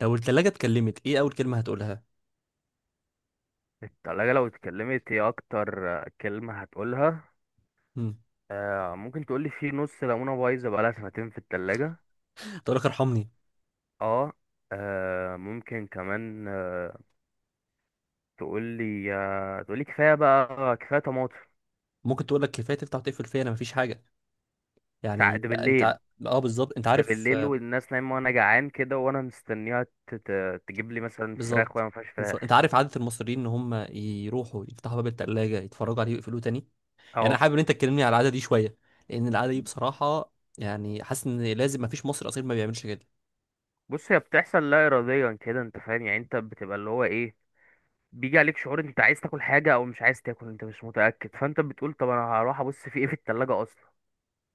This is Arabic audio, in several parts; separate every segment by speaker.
Speaker 1: لو التلاجة اتكلمت ايه أول كلمة هتقولها؟
Speaker 2: التلاجة لو اتكلمت هي أكتر كلمة هتقولها.
Speaker 1: مم.
Speaker 2: آه، ممكن تقولي في نص ليمونة بايظة بقالها سنتين في التلاجة.
Speaker 1: تقول لك ارحمني.
Speaker 2: اه. ممكن كمان تقولي، تقولي كفاية بقى، كفاية طماطم.
Speaker 1: ممكن تقول لك كفاية تفتح وتقفل فيا أنا مفيش حاجة. يعني
Speaker 2: ده
Speaker 1: أنت
Speaker 2: بالليل.
Speaker 1: ع- اه، بالظبط أنت
Speaker 2: ده
Speaker 1: عارف.
Speaker 2: بالليل والناس نايمة وأنا جعان كده، وأنا مستنيها تجيب لي مثلا فراخ وهي
Speaker 1: بالظبط،
Speaker 2: مفيهاش
Speaker 1: بالظبط. أنت
Speaker 2: فراخ.
Speaker 1: عارف عادة المصريين إن هم يروحوا يفتحوا باب التلاجة يتفرجوا عليه ويقفلوه تاني. يعني أنا
Speaker 2: اه.
Speaker 1: حابب إن أنت تكلمني على العادة دي شوية، لأن العادة دي بصراحة يعني حاسس إن لازم مفيش مصري أصيل ما بيعملش كده.
Speaker 2: بص، هي بتحصل لا إراديا كده، أنت فاهم، يعني أنت بتبقى اللي هو إيه، بيجي عليك شعور انت عايز تاكل حاجه او مش عايز تاكل، انت مش متاكد، فانت بتقول طب انا هروح ابص في ايه في التلاجة اصلا.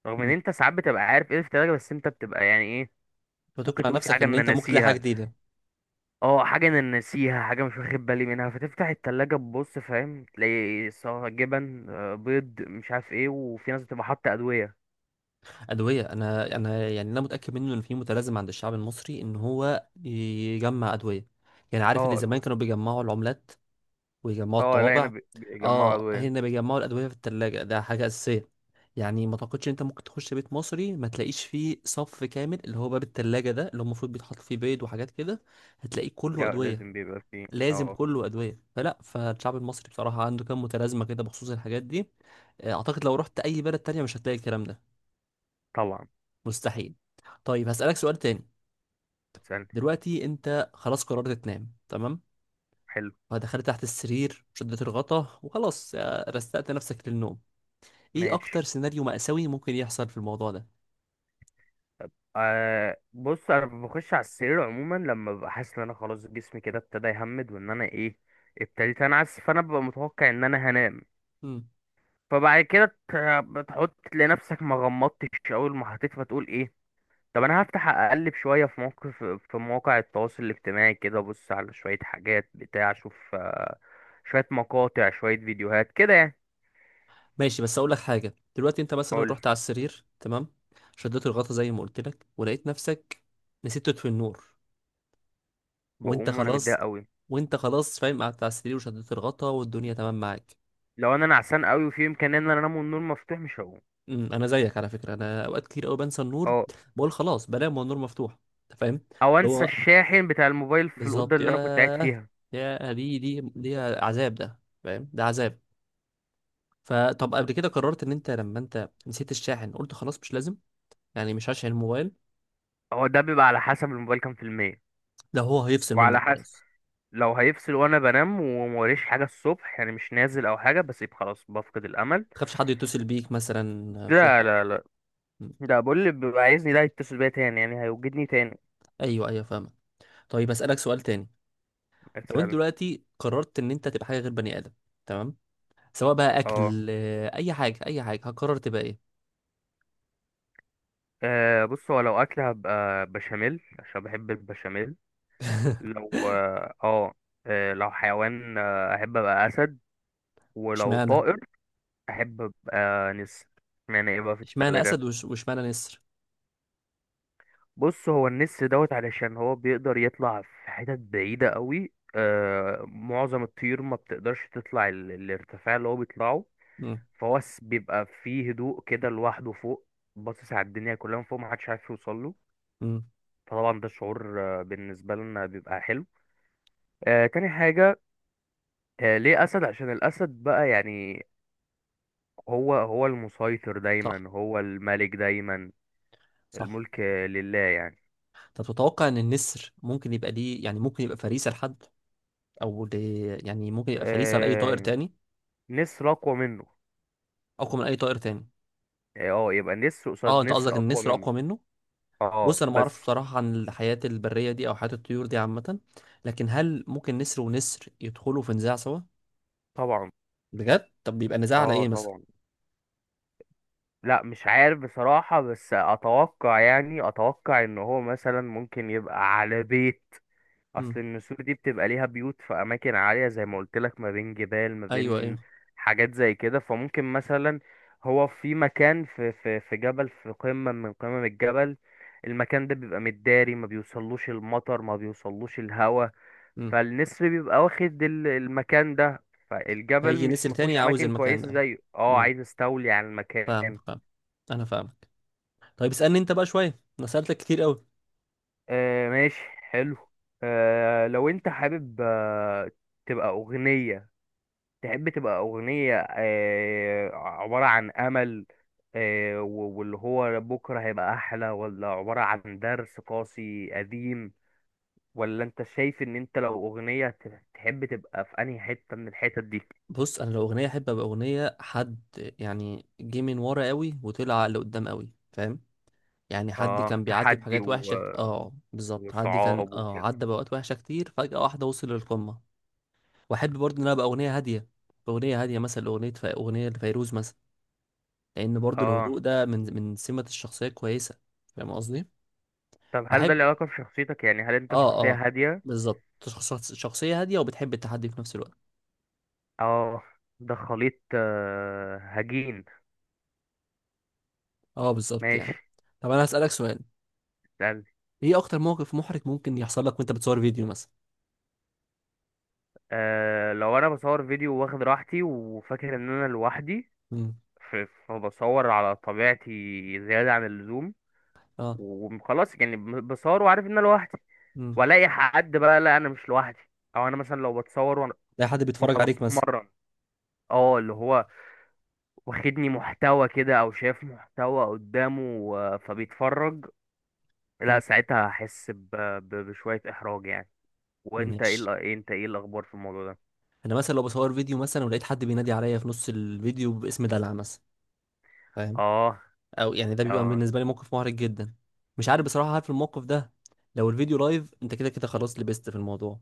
Speaker 2: رغم ان
Speaker 1: مم.
Speaker 2: انت ساعات بتبقى عارف ايه في التلاجة، بس انت بتبقى يعني ايه. ممكن
Speaker 1: فتقنع
Speaker 2: تقول في
Speaker 1: نفسك
Speaker 2: حاجه
Speaker 1: إن
Speaker 2: انا
Speaker 1: أنت ممكن تلاقي حاجة
Speaker 2: ناسيها.
Speaker 1: جديدة.
Speaker 2: اه، حاجه انا ناسيها، حاجه مش واخد بالي منها، فتفتح التلاجة تبص، فاهم، تلاقي سواء جبن، بيض، مش عارف ايه، وفي ناس بتبقى حاطه ادويه.
Speaker 1: أدوية، أنا يعني أنا متأكد منه إن في متلازمة عند الشعب المصري إن هو يجمع أدوية. يعني عارف اللي
Speaker 2: اه،
Speaker 1: زمان
Speaker 2: ادويه.
Speaker 1: كانوا بيجمعوا العملات ويجمعوا
Speaker 2: اه، لا، هنا
Speaker 1: الطوابع.
Speaker 2: بيجمعوا
Speaker 1: آه،
Speaker 2: ادويه.
Speaker 1: هنا بيجمعوا الأدوية في التلاجة، ده حاجة أساسية. يعني ما تعتقدش إن أنت ممكن تخش بيت مصري ما تلاقيش فيه صف كامل اللي هو باب التلاجة، ده اللي هو المفروض بيتحط فيه بيض وحاجات كده. هتلاقيه كله
Speaker 2: ده
Speaker 1: أدوية.
Speaker 2: لازم بيبقى فيه،
Speaker 1: لازم
Speaker 2: اه.
Speaker 1: كله أدوية. فالشعب المصري بصراحة عنده كام متلازمة كده بخصوص الحاجات دي. أعتقد لو رحت أي بلد تانية مش هتلاقي الكلام ده.
Speaker 2: طبعا.
Speaker 1: مستحيل. طيب هسألك سؤال تاني.
Speaker 2: هتسألني.
Speaker 1: دلوقتي انت خلاص قررت تنام، تمام؟
Speaker 2: حلو.
Speaker 1: فدخلت تحت السرير، شدت الغطا وخلاص، رستقت نفسك للنوم. ايه
Speaker 2: ماشي.
Speaker 1: اكتر سيناريو مأساوي ممكن يحصل في الموضوع ده؟
Speaker 2: أه بص، انا بخش على السرير عموما لما ببقى حاسس ان انا خلاص جسمي كده ابتدى يهمد، وان انا ايه، ابتديت انعس، فانا ببقى متوقع ان انا هنام.
Speaker 1: مم.
Speaker 2: فبعد كده ت- بتحط لنفسك ما غمضتش اول ما حطيت، فتقول ايه، طب انا هفتح اقلب شويه في موقف، في مواقع التواصل الاجتماعي كده، ابص على شويه حاجات بتاع اشوف، شويه مقاطع، شويه فيديوهات كده يعني.
Speaker 1: ماشي، بس اقول لك حاجة. دلوقتي انت مثلا
Speaker 2: اقول.
Speaker 1: رحت على السرير، تمام، شدت الغطا زي ما قلت لك ولقيت نفسك نسيت تطفي النور وانت
Speaker 2: بقوم وانا
Speaker 1: خلاص
Speaker 2: متضايق قوي.
Speaker 1: وانت خلاص فاهم، قعدت على السرير وشدت الغطا والدنيا تمام معاك.
Speaker 2: لو انا نعسان قوي وفي امكانيه ان انا انام والنور مفتوح، مش هقوم.
Speaker 1: انا زيك على فكره، انا اوقات كتير قوي بنسى النور.
Speaker 2: اه.
Speaker 1: بقول خلاص بنام والنور مفتوح، انت فاهم
Speaker 2: او
Speaker 1: اللي
Speaker 2: انسى
Speaker 1: هو.
Speaker 2: الشاحن بتاع الموبايل في الاوضه
Speaker 1: بالظبط،
Speaker 2: اللي انا كنت قاعد
Speaker 1: ياه.
Speaker 2: فيها.
Speaker 1: يا دي عذاب، ده فاهم، ده عذاب. فطب قبل كده قررت ان انت لما انت نسيت الشاحن قلت خلاص مش لازم، يعني مش هشحن الموبايل.
Speaker 2: هو ده بيبقى على حسب الموبايل كام في المية،
Speaker 1: ده هو هيفصل منك
Speaker 2: وعلى حسب،
Speaker 1: خلاص.
Speaker 2: لو هيفصل وانا بنام وموريش حاجه الصبح يعني مش نازل او حاجه، بسيب خلاص، بفقد الامل.
Speaker 1: ما تخافش حد يتصل بيك مثلا في
Speaker 2: لا
Speaker 1: حق؟
Speaker 2: لا لا.
Speaker 1: أمم،
Speaker 2: ده بقول اللي بيبقى عايزني ده يتصل بيا تاني، يعني هيوجدني تاني.
Speaker 1: ايوه، ايوه، فاهمك. طيب اسالك سؤال تاني. لو انت
Speaker 2: اسال.
Speaker 1: دلوقتي قررت ان انت تبقى حاجه غير بني ادم، تمام، سواء بقى
Speaker 2: اه.
Speaker 1: اكل، اي حاجه، اي حاجه، هتقرر تبقى ايه؟
Speaker 2: بص، هو لو اكل هبقى بشاميل عشان بحب البشاميل. لو اه آه، لو حيوان، احب ابقى اسد. ولو
Speaker 1: اشمعنى؟
Speaker 2: طائر احب ابقى نسر. معنى ايه بقى في
Speaker 1: اشمعنى
Speaker 2: التلاجة.
Speaker 1: اسد واشمعنى نسر؟
Speaker 2: بص، هو النس دوت علشان هو بيقدر يطلع في حتت بعيدة قوي، آه، معظم الطيور ما بتقدرش تطلع الارتفاع اللي هو بيطلعه.
Speaker 1: امم.
Speaker 2: بيبقى فيه هدوء كده لوحده فوق، باصص على الدنيا كلها من فوق، محدش عارف يوصل له.
Speaker 1: امم.
Speaker 2: فطبعا ده شعور، بالنسبة لنا بيبقى حلو. آه، تاني حاجة، آه، ليه أسد؟ عشان الأسد بقى يعني، هو المسيطر
Speaker 1: صح،
Speaker 2: دايما، هو الملك دايما.
Speaker 1: صح.
Speaker 2: الملك لله يعني.
Speaker 1: طب تتوقع ان النسر ممكن يبقى ليه، يعني ممكن يبقى فريسه لحد، او ل... يعني ممكن يبقى فريسه لاي طائر
Speaker 2: آه،
Speaker 1: تاني؟
Speaker 2: نسر أقوى منه.
Speaker 1: اقوى من اي طائر تاني؟
Speaker 2: اه، آه، يبقى نسر
Speaker 1: اه،
Speaker 2: قصاد
Speaker 1: انت قصدك
Speaker 2: نسر اقوى
Speaker 1: النسر
Speaker 2: منه.
Speaker 1: اقوى منه.
Speaker 2: اه،
Speaker 1: بص انا ما اعرفش
Speaker 2: بس.
Speaker 1: بصراحه عن الحياه البريه دي او حياه الطيور دي عامه، لكن هل ممكن نسر ونسر يدخلوا في نزاع سوا؟
Speaker 2: طبعا.
Speaker 1: بجد؟ طب بيبقى نزاع على
Speaker 2: اه
Speaker 1: ايه مثلا؟
Speaker 2: طبعا. لا، مش عارف بصراحة، بس اتوقع يعني، اتوقع ان هو مثلا ممكن يبقى على بيت. اصل
Speaker 1: امم.
Speaker 2: النسور دي بتبقى ليها بيوت في اماكن عاليه زي ما قلت لك، ما بين جبال، ما
Speaker 1: ايوه، ايوه.
Speaker 2: بين حاجات زي كده. فممكن مثلا هو في مكان في جبل، في قمه من قمم الجبل، المكان ده بيبقى متداري، ما بيوصلوش المطر، ما بيوصلوش الهواء.
Speaker 1: امم.
Speaker 2: فالنسر بيبقى واخد المكان ده. فالجبل
Speaker 1: هيجي
Speaker 2: مش
Speaker 1: نسر
Speaker 2: مفهوش
Speaker 1: تاني عاوز
Speaker 2: اماكن
Speaker 1: المكان
Speaker 2: كويسه
Speaker 1: ده.
Speaker 2: زيه، اه،
Speaker 1: امم.
Speaker 2: عايز استولي على
Speaker 1: فاهم،
Speaker 2: المكان.
Speaker 1: فاهم. انا فاهم. طيب اسألني انت بقى شوية، انا سألتك كتير قوي.
Speaker 2: آه ماشي. حلو. آه لو انت حابب، آه، تبقى اغنيه، تحب تبقى أغنية، عبارة عن أمل، واللي هو بكرة هيبقى أحلى، ولا عبارة عن درس قاسي قديم، ولا أنت شايف إن أنت لو أغنية تحب تبقى في أنهي حتة من الحتت دي؟
Speaker 1: بص انا لو اغنية احب ابقى اغنية حد، يعني جه من ورا قوي وطلع لقدام قوي، فاهم؟ يعني حد
Speaker 2: آه،
Speaker 1: كان بيعدي
Speaker 2: تحدي
Speaker 1: بحاجات وحشة اه بالظبط، حد كان
Speaker 2: وصعاب وكده.
Speaker 1: عدى بأوقات وحشة كتير، فجأة واحدة وصل للقمة. واحب برضه ان انا ابقى اغنية هادية، اغنية هادية مثلا، اغنية اغنية لفيروز مثلا، لان برضه
Speaker 2: آه،
Speaker 1: الهدوء ده من سمة الشخصية كويسة، فاهم قصدي؟
Speaker 2: طب هل ده
Speaker 1: بحب.
Speaker 2: له علاقة بشخصيتك؟ يعني هل أنت
Speaker 1: اه،
Speaker 2: شخصية
Speaker 1: اه،
Speaker 2: هادية؟
Speaker 1: بالظبط، شخصية هادية وبتحب التحدي في نفس الوقت.
Speaker 2: آه، ده خليط، هجين.
Speaker 1: اه بالظبط، يعني.
Speaker 2: ماشي.
Speaker 1: طب انا هسألك سؤال.
Speaker 2: اسأل.
Speaker 1: ايه اكتر موقف محرج ممكن يحصل لك وانت بتصور فيديو مثلا؟
Speaker 2: آه، لو انا بصور فيديو واخد راحتي وفاكر ان انا لوحدي،
Speaker 1: امم.
Speaker 2: ف- فبصور على طبيعتي زيادة عن اللزوم،
Speaker 1: اه.
Speaker 2: وخلاص يعني، بصور وعارف ان انا لوحدي،
Speaker 1: امم.
Speaker 2: والاقي حد بقى لا انا مش لوحدي. او انا مثلا لو بتصور وانا،
Speaker 1: لاقي حد بيتفرج
Speaker 2: وأنا
Speaker 1: عليك مثلا.
Speaker 2: بتمرن، اه، اللي هو واخدني محتوى كده او شايف محتوى قدامه فبيتفرج، لا
Speaker 1: امم.
Speaker 2: ساعتها هحس بشوية احراج يعني. وانت ايه
Speaker 1: ماشي.
Speaker 2: انت ايه الاخبار في الموضوع ده.
Speaker 1: انا مثلا لو بصور فيديو مثلا ولقيت حد بينادي عليا في نص الفيديو باسم دلع مثلا، فاهم؟
Speaker 2: اه.
Speaker 1: او يعني ده بيبقى
Speaker 2: اه
Speaker 1: بالنسبه لي موقف محرج جدا. مش عارف بصراحه، عارف الموقف ده؟ لو الفيديو لايف انت كده كده خلاص لبست في الموضوع،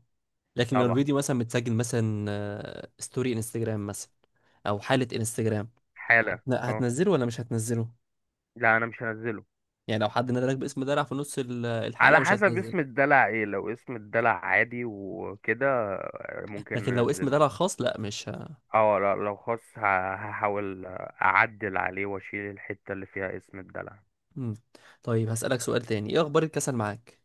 Speaker 1: لكن لو
Speaker 2: طبعا.
Speaker 1: الفيديو مثلا متسجل مثلا، ستوري انستجرام مثلا او حاله انستجرام،
Speaker 2: حالا اه.
Speaker 1: هتنزله ولا مش هتنزله؟
Speaker 2: لا انا مش هنزله.
Speaker 1: يعني لو حد نادى لك باسم دلع في نص الحلقه
Speaker 2: على
Speaker 1: مش
Speaker 2: حسب
Speaker 1: هتنزله.
Speaker 2: اسم الدلع ايه، لو اسم الدلع عادي وكده، ممكن
Speaker 1: لكن لو اسم
Speaker 2: ننزله.
Speaker 1: دلع خاص لا مش ه...
Speaker 2: اه لا، لو خاص هحاول اعدل عليه واشيل الحتة اللي فيها اسم الدلع.
Speaker 1: مم. طيب هسألك سؤال تاني. ايه اخبار الكسل معاك؟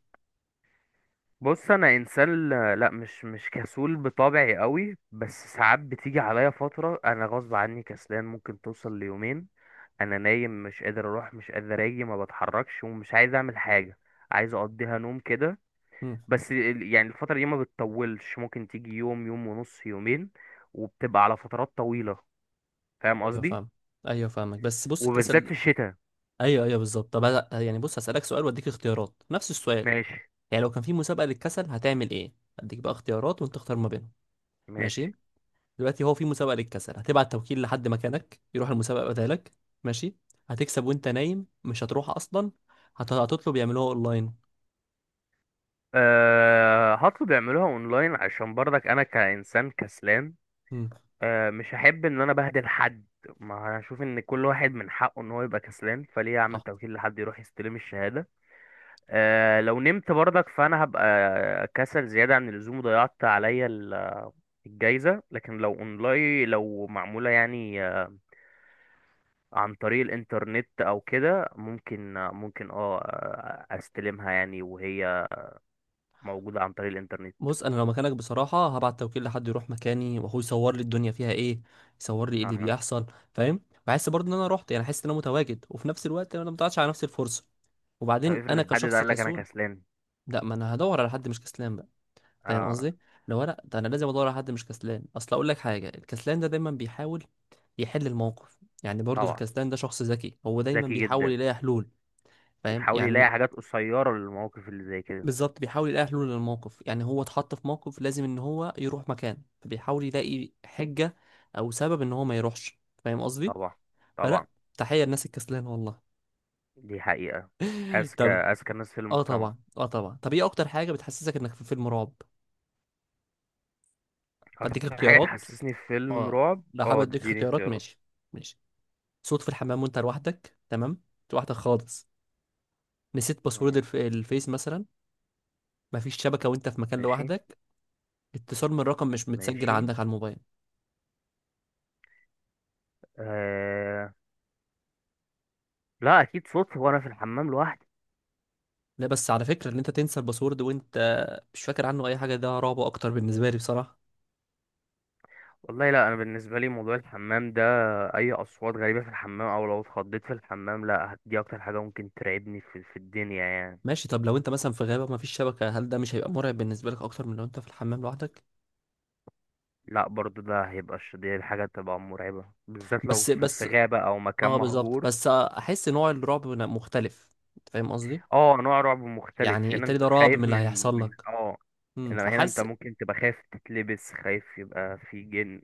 Speaker 2: بص انا انسان، لا مش كسول بطبعي قوي، بس ساعات بتيجي عليا فترة انا غصب عني كسلان، ممكن توصل ليومين. انا نايم مش قادر اروح، مش قادر اجي، ما بتحركش ومش عايز اعمل حاجة، عايز اقضيها نوم كده.
Speaker 1: مم.
Speaker 2: بس يعني الفترة دي ما بتطولش، ممكن تيجي يوم، يوم ونص، يومين، وبتبقى على فترات طويلة، فاهم
Speaker 1: ايوه،
Speaker 2: قصدي.
Speaker 1: فاهم. ايوه، فاهمك. بس بص
Speaker 2: وبالذات
Speaker 1: الكسل.
Speaker 2: في الشتاء.
Speaker 1: ايوه، ايوه، بالظبط. طب يعني بص هسألك سؤال واديك اختيارات نفس السؤال،
Speaker 2: ماشي.
Speaker 1: يعني لو كان في مسابقة للكسل هتعمل ايه؟ اديك بقى اختيارات وانت تختار ما بينهم. ماشي.
Speaker 2: ماشي.
Speaker 1: دلوقتي هو في مسابقة للكسل هتبعت توكيل لحد مكانك يروح المسابقة بدالك؟ ماشي. هتكسب وانت نايم، مش هتروح اصلا. هتطلب يعملوها اونلاين؟
Speaker 2: أه هطلب يعملوها اونلاين عشان برضك انا كإنسان كسلان،
Speaker 1: مم.
Speaker 2: أه مش هحب ان انا بهدل حد. ما هشوف ان كل واحد من حقه ان هو يبقى كسلان، فليه اعمل
Speaker 1: صح.
Speaker 2: توكيل لحد يروح يستلم الشهادة. أه لو نمت برضك فانا هبقى كسل زيادة عن اللزوم وضيعت عليا الجايزة، لكن لو اونلاين، لو معمولة يعني، عن طريق الانترنت او كده، ممكن ممكن استلمها يعني وهي موجودة عن طريق الانترنت.
Speaker 1: بص انا لو مكانك بصراحه هبعت توكيل لحد يروح مكاني واخوه يصور لي الدنيا فيها ايه، يصور لي ايه اللي
Speaker 2: اه.
Speaker 1: بيحصل، فاهم؟ بحس برضه ان انا رحت، يعني احس ان انا متواجد، وفي نفس الوقت انا ما ضيعتش على نفسي الفرصه.
Speaker 2: طب
Speaker 1: وبعدين
Speaker 2: افرض
Speaker 1: انا
Speaker 2: الحد ده
Speaker 1: كشخص
Speaker 2: قال لك انا
Speaker 1: كسول،
Speaker 2: كسلان.
Speaker 1: لا، ما انا هدور على حد مش كسلان بقى، فاهم
Speaker 2: اه
Speaker 1: قصدي؟ لو لا، ده انا لازم ادور على حد مش كسلان. اصل اقول لك حاجه، الكسلان ده دايما بيحاول يحل الموقف، يعني برضه
Speaker 2: طبعا.
Speaker 1: الكسلان ده شخص ذكي، هو دايما
Speaker 2: ذكي
Speaker 1: بيحاول
Speaker 2: جدا.
Speaker 1: يلاقي حلول، فاهم
Speaker 2: يحاول يلاقي
Speaker 1: يعني؟
Speaker 2: حاجات قصيرة للمواقف اللي زي كده.
Speaker 1: بالظبط، بيحاول يلاقي حلول للموقف، يعني هو اتحط في موقف لازم ان هو يروح مكان فبيحاول يلاقي حجة او سبب ان هو ما يروحش، فاهم قصدي؟
Speaker 2: طبعا. طبعا.
Speaker 1: فلا تحية للناس الكسلانة والله.
Speaker 2: دي حقيقة. اذكى،
Speaker 1: طب،
Speaker 2: اذكى الناس في
Speaker 1: اه
Speaker 2: المجتمع.
Speaker 1: طبعا، اه طبعا. طب ايه اكتر حاجة بتحسسك انك في فيلم رعب؟ اديك
Speaker 2: اكتر حاجة
Speaker 1: اختيارات.
Speaker 2: تحسسني في فيلم
Speaker 1: اه.
Speaker 2: رعب،
Speaker 1: لا، حابب
Speaker 2: اه
Speaker 1: اديك
Speaker 2: اديني
Speaker 1: اختيارات،
Speaker 2: اختيارات.
Speaker 1: ماشي. ماشي. صوت في الحمام وانت لوحدك، تمام، انت لوحدك خالص. نسيت باسورد
Speaker 2: آه،
Speaker 1: الفيس مثلا. مفيش شبكة وانت في مكان
Speaker 2: ماشي.
Speaker 1: لوحدك. اتصال من رقم مش متسجل
Speaker 2: ماشي.
Speaker 1: عندك على الموبايل.
Speaker 2: آه، لا اكيد صوتي وانا في الحمام لوحدي.
Speaker 1: لا، بس على فكرة ان انت تنسى الباسورد وانت مش فاكر عنه اي حاجة، ده رعب اكتر بالنسبة لي بصراحة.
Speaker 2: والله لا، انا بالنسبه لي موضوع الحمام ده، اي اصوات غريبه في الحمام، او لو اتخضيت في الحمام، لا دي اكتر حاجه ممكن ترعبني في، في الدنيا يعني.
Speaker 1: ماشي. طب لو انت مثلا في غابة ما فيش شبكة، هل ده مش هيبقى مرعب بالنسبة لك اكتر من لو انت في الحمام لوحدك؟
Speaker 2: لا برضو ده هيبقى دي حاجه تبقى مرعبه، بالذات لو
Speaker 1: بس،
Speaker 2: في، في
Speaker 1: بس.
Speaker 2: غابه او مكان
Speaker 1: اه، بالظبط،
Speaker 2: مهجور.
Speaker 1: بس احس نوع الرعب هنا مختلف، انت فاهم قصدي؟
Speaker 2: اه، نوع رعب مختلف
Speaker 1: يعني
Speaker 2: هنا،
Speaker 1: التاني
Speaker 2: انت
Speaker 1: ده رعب من
Speaker 2: خايف
Speaker 1: اللي
Speaker 2: من
Speaker 1: هيحصل لك.
Speaker 2: اه، انما هنا انت
Speaker 1: فحاسس.
Speaker 2: ممكن تبقى خايف تتلبس، خايف يبقى في جن.